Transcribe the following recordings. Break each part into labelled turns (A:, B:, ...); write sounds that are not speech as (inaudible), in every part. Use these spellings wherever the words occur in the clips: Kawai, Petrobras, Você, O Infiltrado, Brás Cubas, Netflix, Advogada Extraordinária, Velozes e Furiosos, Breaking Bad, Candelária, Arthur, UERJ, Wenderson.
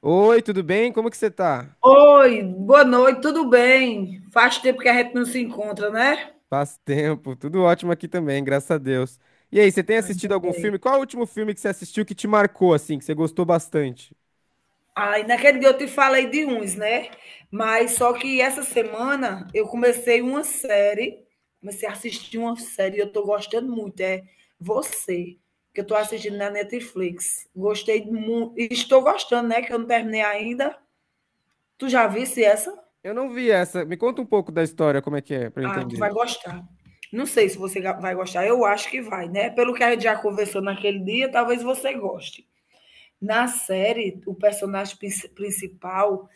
A: Oi, tudo bem? Como que você tá?
B: Oi, boa noite, tudo bem? Faz tempo que a gente não se encontra, né?
A: Faz tempo, tudo ótimo aqui também, graças a Deus. E aí, você tem
B: Ainda
A: assistido algum
B: bem.
A: filme? Qual é o último filme que você assistiu que te marcou, assim, que você gostou bastante?
B: Ai, naquele dia eu te falei de uns, né? Mas só que essa semana eu comecei uma série, comecei a assistir uma série, e eu tô gostando muito, é Você, que eu tô assistindo na Netflix. Gostei muito, estou gostando, né? Que eu não terminei ainda. Tu já visse essa?
A: Eu não vi essa. Me conta um pouco da história, como é que é, pra eu
B: Ah, tu
A: entender.
B: vai gostar. Não sei se você vai gostar. Eu acho que vai, né? Pelo que a gente já conversou naquele dia, talvez você goste. Na série, o personagem principal,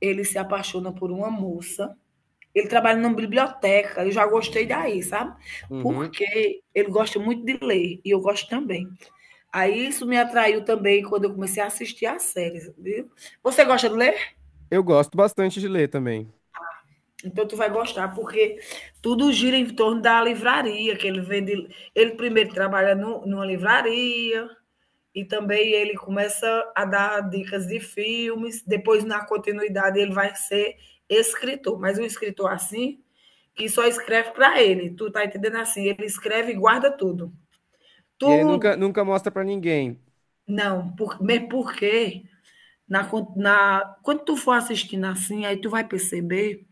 B: ele se apaixona por uma moça. Ele trabalha numa biblioteca. Eu já gostei daí, sabe?
A: Uhum.
B: Porque ele gosta muito de ler e eu gosto também. Aí isso me atraiu também quando eu comecei a assistir as séries, viu? Você gosta de ler?
A: Eu gosto bastante de ler também.
B: Então tu vai gostar, porque tudo gira em torno da livraria, que ele vende. Ele primeiro trabalha no numa livraria e também ele começa a dar dicas de filmes. Depois, na continuidade, ele vai ser escritor, mas um escritor assim que só escreve para ele. Tu tá entendendo assim? Ele escreve e guarda tudo.
A: E ele nunca,
B: Tu
A: nunca mostra pra ninguém.
B: não, por, mesmo porque na, quando tu for assistindo assim, aí tu vai perceber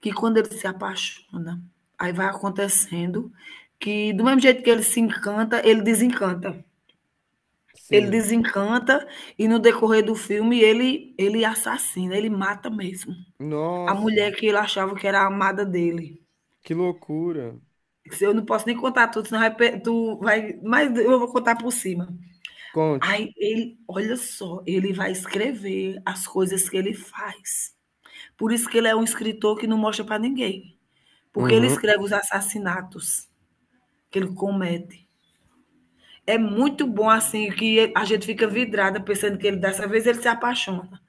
B: que quando ele se apaixona, aí vai acontecendo que, do mesmo jeito que ele se encanta, ele desencanta. Ele
A: Sim.
B: desencanta e no decorrer do filme ele assassina, ele mata mesmo. A
A: Nossa,
B: mulher que ele achava que era a amada dele.
A: que loucura.
B: Se eu não posso nem contar tudo, senão vai, tu vai, mas eu vou contar por cima.
A: Conte.
B: Aí ele, olha só, ele vai escrever as coisas que ele faz. Por isso que ele é um escritor que não mostra para ninguém, porque ele
A: Uhum.
B: escreve os assassinatos que ele comete. É muito bom, assim, que a gente fica vidrada pensando que ele, dessa vez, ele se apaixona.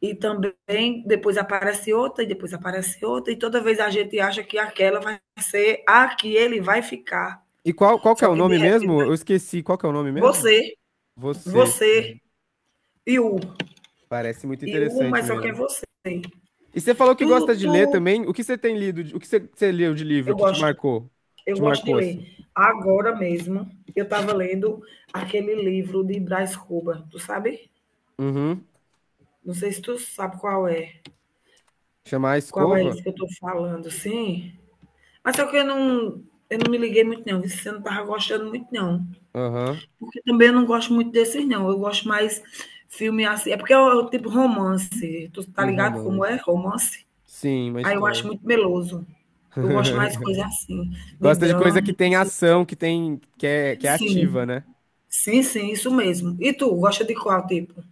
B: E também, depois aparece outra, e depois aparece outra, e toda vez a gente acha que aquela vai ser a que ele vai ficar.
A: E qual que é
B: Só
A: o
B: que, de
A: nome mesmo?
B: repente,
A: Eu esqueci. Qual que é o nome mesmo?
B: você,
A: Você.
B: você e o,
A: Parece muito interessante
B: mas só que é
A: mesmo.
B: você.
A: E você falou que
B: Tu,
A: gosta de
B: tu,
A: ler também. O que você tem lido? O que você leu de livro
B: eu
A: que te
B: gosto,
A: marcou? Que
B: eu
A: te
B: gosto de
A: marcou assim?
B: ler. Agora mesmo, eu estava lendo aquele livro de Brás Cuba, tu sabe?
A: Uhum.
B: Não sei se tu sabe qual é.
A: Chamar a
B: Qual é
A: escova?
B: esse que eu tô falando, sim? Mas só que eu não me liguei muito não, viu, eu não estava gostando muito não,
A: Aham.
B: porque também eu não gosto muito desses não, eu gosto mais filme assim é porque é o tipo romance, tu tá
A: Um
B: ligado como
A: romance.
B: é romance?
A: Sim, uma
B: Aí eu acho
A: história.
B: muito meloso. Eu gosto mais de
A: (laughs)
B: coisa assim, de
A: Gosta de
B: drama,
A: coisa que
B: de
A: tem ação, que
B: suspense.
A: tem, que é, que é ativa,
B: Sim.
A: né?
B: Sim, sim, isso mesmo. E tu, gosta de qual tipo?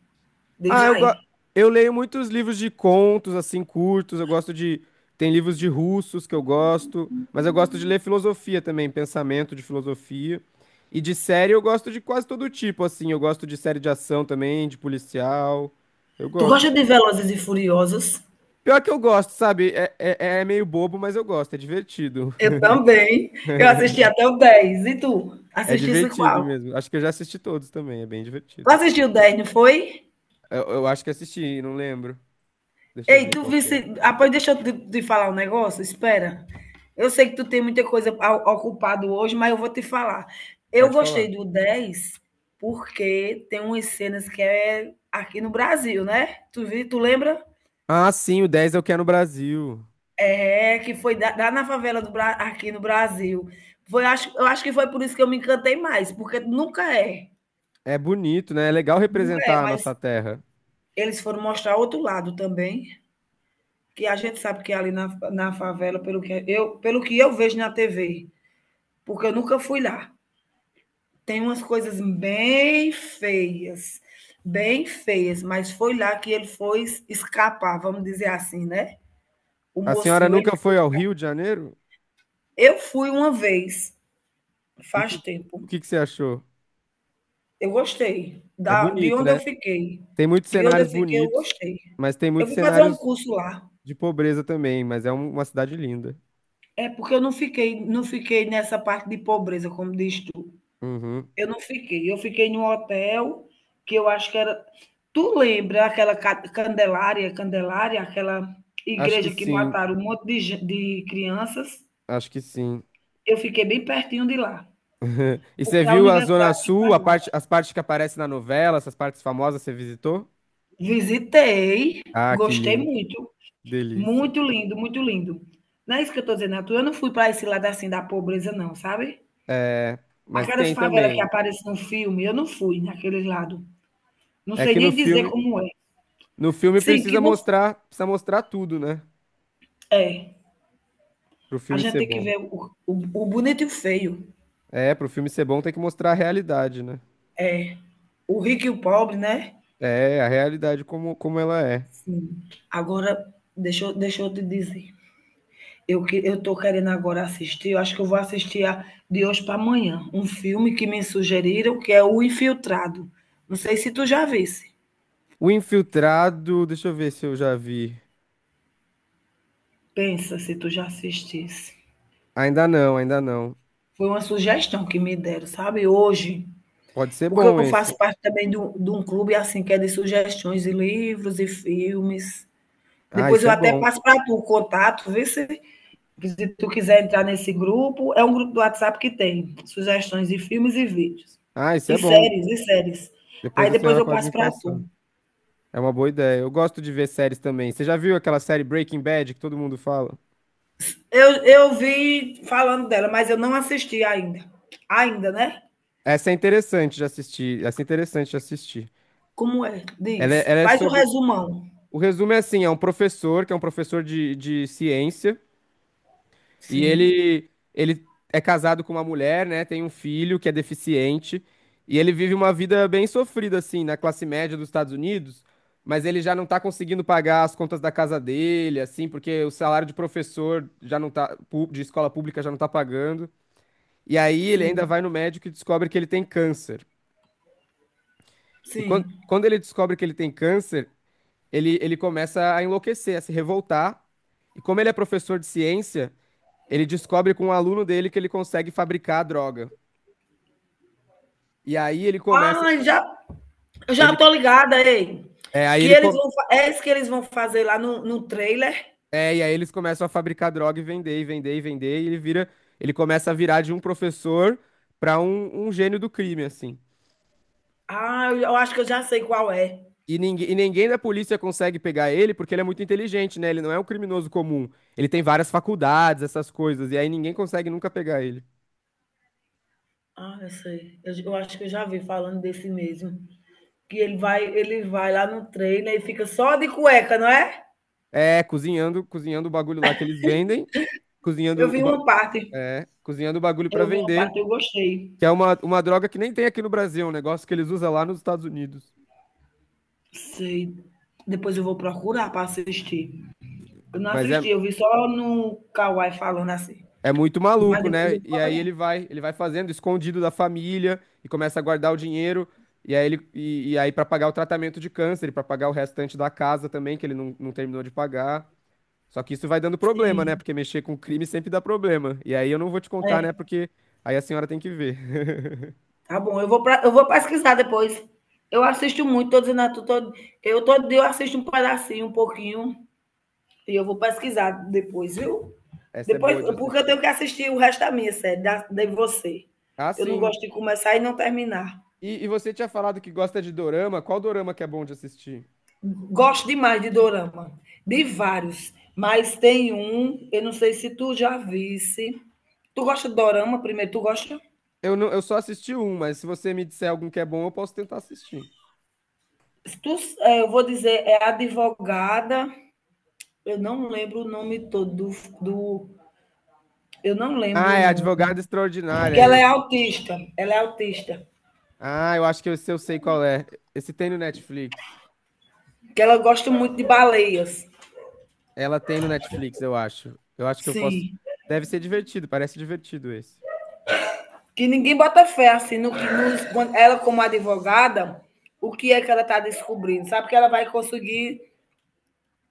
B: Diz
A: Ah, eu, go...
B: aí.
A: eu leio muitos livros de contos, assim, curtos. Eu gosto de. Tem livros de russos que eu gosto, mas eu gosto de ler filosofia também, pensamento de filosofia. E de série eu gosto de quase todo tipo, assim. Eu gosto de série de ação também, de policial. Eu
B: Tu
A: gosto.
B: gosta de Velozes e Furiosos?
A: Pior que eu gosto, sabe? É meio bobo, mas eu gosto, é divertido.
B: Eu também. Eu assisti
A: (laughs)
B: até o 10. E tu?
A: É
B: Assistisse
A: divertido
B: qual?
A: mesmo. Acho que eu já assisti todos também, é bem
B: Tu
A: divertido.
B: assistiu o dez, não foi?
A: Eu acho que assisti, não lembro. Deixa eu
B: Ei,
A: ver
B: tu
A: qual que é.
B: visse. Após, deixa eu te falar um negócio. Espera. Eu sei que tu tem muita coisa ocupado hoje, mas eu vou te falar. Eu
A: Pode
B: gostei
A: falar.
B: do 10 porque tem umas cenas que é aqui no Brasil, né? Tu vi, tu lembra?
A: Ah, sim, o 10 eu quero no Brasil.
B: É que foi lá na favela do aqui no Brasil. Foi, acho, eu acho que foi por isso que eu me encantei mais, porque nunca é.
A: É bonito, né? É legal
B: Nunca é,
A: representar a
B: mas
A: nossa terra.
B: eles foram mostrar outro lado também, que a gente sabe que é ali na favela, pelo que pelo que eu vejo na TV, porque eu nunca fui lá, tem umas coisas bem feias, mas foi lá que ele foi escapar, vamos dizer assim, né? O
A: A senhora
B: mocinho, ele,
A: nunca foi ao Rio de Janeiro?
B: eu fui uma vez,
A: E o
B: faz
A: que,
B: tempo.
A: o que que você achou?
B: Eu gostei
A: É
B: de
A: bonito,
B: onde eu
A: né?
B: fiquei.
A: Tem muitos
B: De onde
A: cenários
B: eu fiquei, eu
A: bonitos,
B: gostei.
A: mas tem
B: Eu
A: muitos
B: fui fazer um
A: cenários
B: curso lá.
A: de pobreza também, mas é uma cidade linda.
B: É porque eu não fiquei nessa parte de pobreza, como diz tu.
A: Uhum.
B: Eu não fiquei, eu fiquei num hotel que eu acho que era tu lembra aquela Candelária, aquela
A: Acho que
B: igreja que
A: sim,
B: mataram um monte de, de crianças?
A: acho que sim.
B: Eu fiquei bem pertinho de lá,
A: (laughs) E você
B: porque é a
A: viu a Zona
B: universidade que
A: Sul,
B: pagava.
A: as partes que aparecem na novela, essas partes famosas, você visitou?
B: Visitei,
A: Ah, que
B: gostei
A: lindo,
B: muito,
A: delícia.
B: muito lindo, muito lindo. Não é isso que eu estou dizendo, Arthur. Eu não fui para esse lado assim da pobreza, não, sabe?
A: É,
B: A
A: mas
B: cada
A: tem
B: favela que
A: também.
B: aparece no filme, eu não fui naquele lado. Não
A: É
B: sei
A: que no
B: nem dizer
A: filme
B: como é.
A: No filme
B: Sim, que não
A: precisa mostrar tudo, né?
B: é.
A: Pro
B: A
A: filme
B: gente
A: ser
B: tem que
A: bom.
B: ver o bonito e o feio.
A: É, pro filme ser bom tem que mostrar a realidade, né?
B: É. O rico e o pobre, né?
A: É, a realidade como ela é.
B: Sim. Agora, deixa, deixa eu te dizer. Eu, eu tô querendo agora assistir, eu acho que eu vou assistir de hoje para amanhã, um filme que me sugeriram, que é O Infiltrado. Não sei se tu já visse.
A: O Infiltrado, deixa eu ver se eu já vi.
B: Pensa se tu já assistisse.
A: Ainda não, ainda não.
B: Foi uma sugestão que me deram, sabe? Hoje.
A: Pode ser
B: Porque
A: bom
B: eu faço
A: esse.
B: parte também de de um clube assim que é de sugestões de livros e filmes.
A: Ah,
B: Depois
A: isso
B: eu
A: é
B: até
A: bom.
B: passo para tu o contato, vê se, se tu quiser entrar nesse grupo. É um grupo do WhatsApp que tem sugestões de filmes e vídeos.
A: Ah, isso
B: E
A: é bom.
B: séries, e séries. Aí
A: Depois a
B: depois
A: senhora
B: eu
A: pode
B: passo
A: me
B: para
A: passar.
B: tu.
A: É uma boa ideia. Eu gosto de ver séries também. Você já viu aquela série Breaking Bad que todo mundo fala?
B: Eu vi falando dela, mas eu não assisti ainda. Ainda, né?
A: Essa é interessante de assistir. Essa é interessante de assistir.
B: Como é?
A: Ela é,
B: Diz.
A: ela é
B: Faz o
A: sobre.
B: resumão.
A: O resumo é assim, é um professor, que é um professor de ciência, e
B: Sim,
A: ele é casado com uma mulher, né? Tem um filho que é deficiente, e ele vive uma vida bem sofrida, assim, na classe média dos Estados Unidos, mas ele já não tá conseguindo pagar as contas da casa dele, assim, porque o salário de professor já não tá, de escola pública já não tá pagando. E aí ele ainda
B: sim,
A: vai no médico e descobre que ele tem câncer. E
B: sim.
A: quando ele descobre que ele tem câncer, ele começa a enlouquecer, a se revoltar. E como ele é professor de ciência, ele descobre com um aluno dele que ele consegue fabricar a droga. E aí ele começa,
B: Ah, já eu já
A: ele,
B: tô ligada, ei.
A: é, aí
B: Que
A: ele
B: eles
A: com-
B: vão, é isso que eles vão fazer lá no trailer?
A: é, e aí eles começam a fabricar droga e vender, e vender, e vender, e ele vira, ele começa a virar de um professor para um gênio do crime, assim.
B: Ah, eu acho que eu já sei qual é.
A: E ninguém da polícia consegue pegar ele porque ele é muito inteligente, né? Ele não é um criminoso comum. Ele tem várias faculdades, essas coisas, e aí ninguém consegue nunca pegar ele.
B: Ah, eu sei. Eu acho que eu já vi falando desse mesmo. Que ele vai lá no trailer e fica só de cueca, não é?
A: É, cozinhando o bagulho lá que eles vendem,
B: Eu
A: cozinhando
B: vi uma parte.
A: cozinhando o bagulho pra
B: Eu vi uma
A: vender,
B: parte, eu gostei.
A: que é uma droga que nem tem aqui no Brasil, é um negócio que eles usam lá nos Estados Unidos.
B: Sei. Depois eu vou procurar para assistir. Eu não
A: Mas é,
B: assisti, eu vi só no Kawai falando assim.
A: é muito
B: Mas
A: maluco,
B: depois
A: né?
B: eu
A: E
B: vou
A: aí
B: olhar.
A: ele vai fazendo escondido da família e começa a guardar o dinheiro. E aí para pagar o tratamento de câncer, para pagar o restante da casa também, que ele não, não terminou de pagar. Só que isso vai dando problema, né?
B: Sim.
A: Porque mexer com crime sempre dá problema. E aí eu não vou te contar, né?
B: É.
A: Porque aí a senhora tem que ver. (laughs)
B: Tá bom, eu vou, pra, eu vou pesquisar depois. Eu assisto muito, tô dizendo a tu, eu todo eu assisto um pedacinho, um pouquinho, e eu vou pesquisar depois, viu?
A: Essa é
B: Depois,
A: boa de
B: porque eu
A: assistir.
B: tenho que assistir o resto da minha série, de você.
A: Ah,
B: Eu não
A: sim.
B: gosto de começar e não terminar.
A: E você tinha falado que gosta de dorama. Qual dorama que é bom de assistir?
B: Gosto demais de dorama, de vários, mas tem um, eu não sei se tu já visse. Tu gosta de dorama primeiro? Tu gosta?
A: Não, eu só assisti um, mas se você me disser algum que é bom, eu posso tentar assistir.
B: Se Tu, eh, eu vou dizer, é advogada. Eu não lembro o nome todo do. Eu não
A: Ah,
B: lembro o
A: é
B: nome.
A: Advogada Extraordinária
B: Porque
A: é
B: ela é
A: esse.
B: autista. Ela é autista.
A: Ah, eu acho que eu, se eu sei qual é. Esse tem no Netflix.
B: Que ela gosta muito de baleias.
A: Ela tem no Netflix, eu acho. Eu acho que eu posso.
B: Sim.
A: Deve ser divertido, parece divertido esse.
B: Que ninguém bota fé, assim, no que ela, como advogada, o que é que ela está descobrindo. Sabe que ela vai conseguir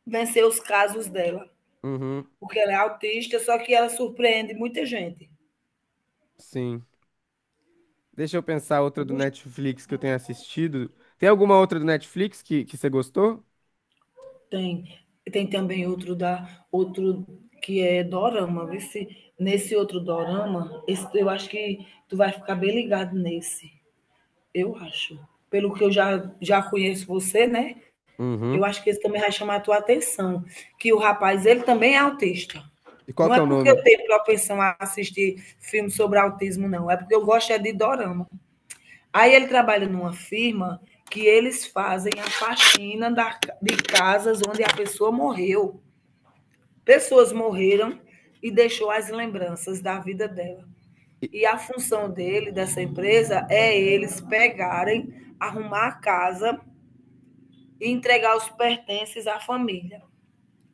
B: vencer os casos dela.
A: Uhum,
B: Porque ela é autista, só que ela surpreende muita gente.
A: sim. Deixa eu pensar outra do
B: Eu
A: Netflix que eu tenha assistido. Tem alguma outra do Netflix que você gostou?
B: tem. Tem também outro da outro que é dorama, vê se nesse outro dorama, eu acho que tu vai ficar bem ligado nesse. Eu acho. Pelo que eu já conheço você, né? Eu
A: Uhum.
B: acho que esse também vai chamar a tua atenção, que o rapaz, ele também é autista.
A: E qual
B: Não
A: que
B: é
A: é o
B: porque
A: nome?
B: eu tenho propensão a assistir filmes sobre autismo, não. É porque eu gosto é de dorama. Aí ele trabalha numa firma que eles fazem a faxina de casas onde a pessoa morreu. Pessoas morreram e deixou as lembranças da vida dela. E a função dele, dessa empresa, é eles pegarem, arrumar a casa e entregar os pertences à família.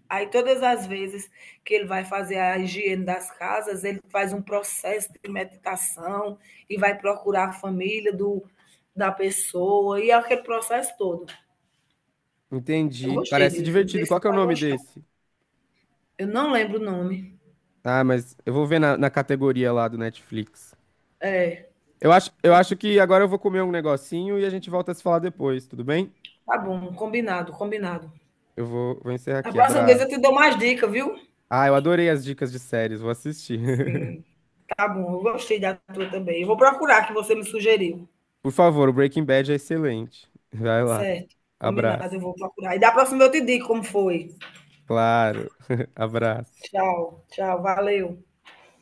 B: Aí, todas as vezes que ele vai fazer a higiene das casas, ele faz um processo de meditação e vai procurar a família da pessoa e é aquele processo todo. Eu
A: Entendi.
B: gostei
A: Parece
B: disso, não sei
A: divertido. Qual
B: se você
A: que é o
B: vai
A: nome
B: gostar.
A: desse?
B: Eu não lembro o nome.
A: Ah, mas eu vou ver na categoria lá do Netflix.
B: É,
A: Eu acho que agora eu vou comer um negocinho e a gente volta a se falar depois, tudo bem?
B: tá bom, combinado, combinado.
A: Vou encerrar
B: A
A: aqui.
B: próxima vez eu te
A: Abraço.
B: dou mais dicas, viu?
A: Ah, eu adorei as dicas de séries, vou assistir.
B: Sim.
A: (laughs)
B: Tá bom, eu gostei da tua também. Eu vou procurar que você me sugeriu.
A: Por favor, o Breaking Bad é excelente. Vai lá.
B: Certo. Combinado,
A: Abraço.
B: eu vou procurar. E da próxima eu te digo como foi.
A: Claro. (laughs) Abraço.
B: Tchau, tchau, valeu.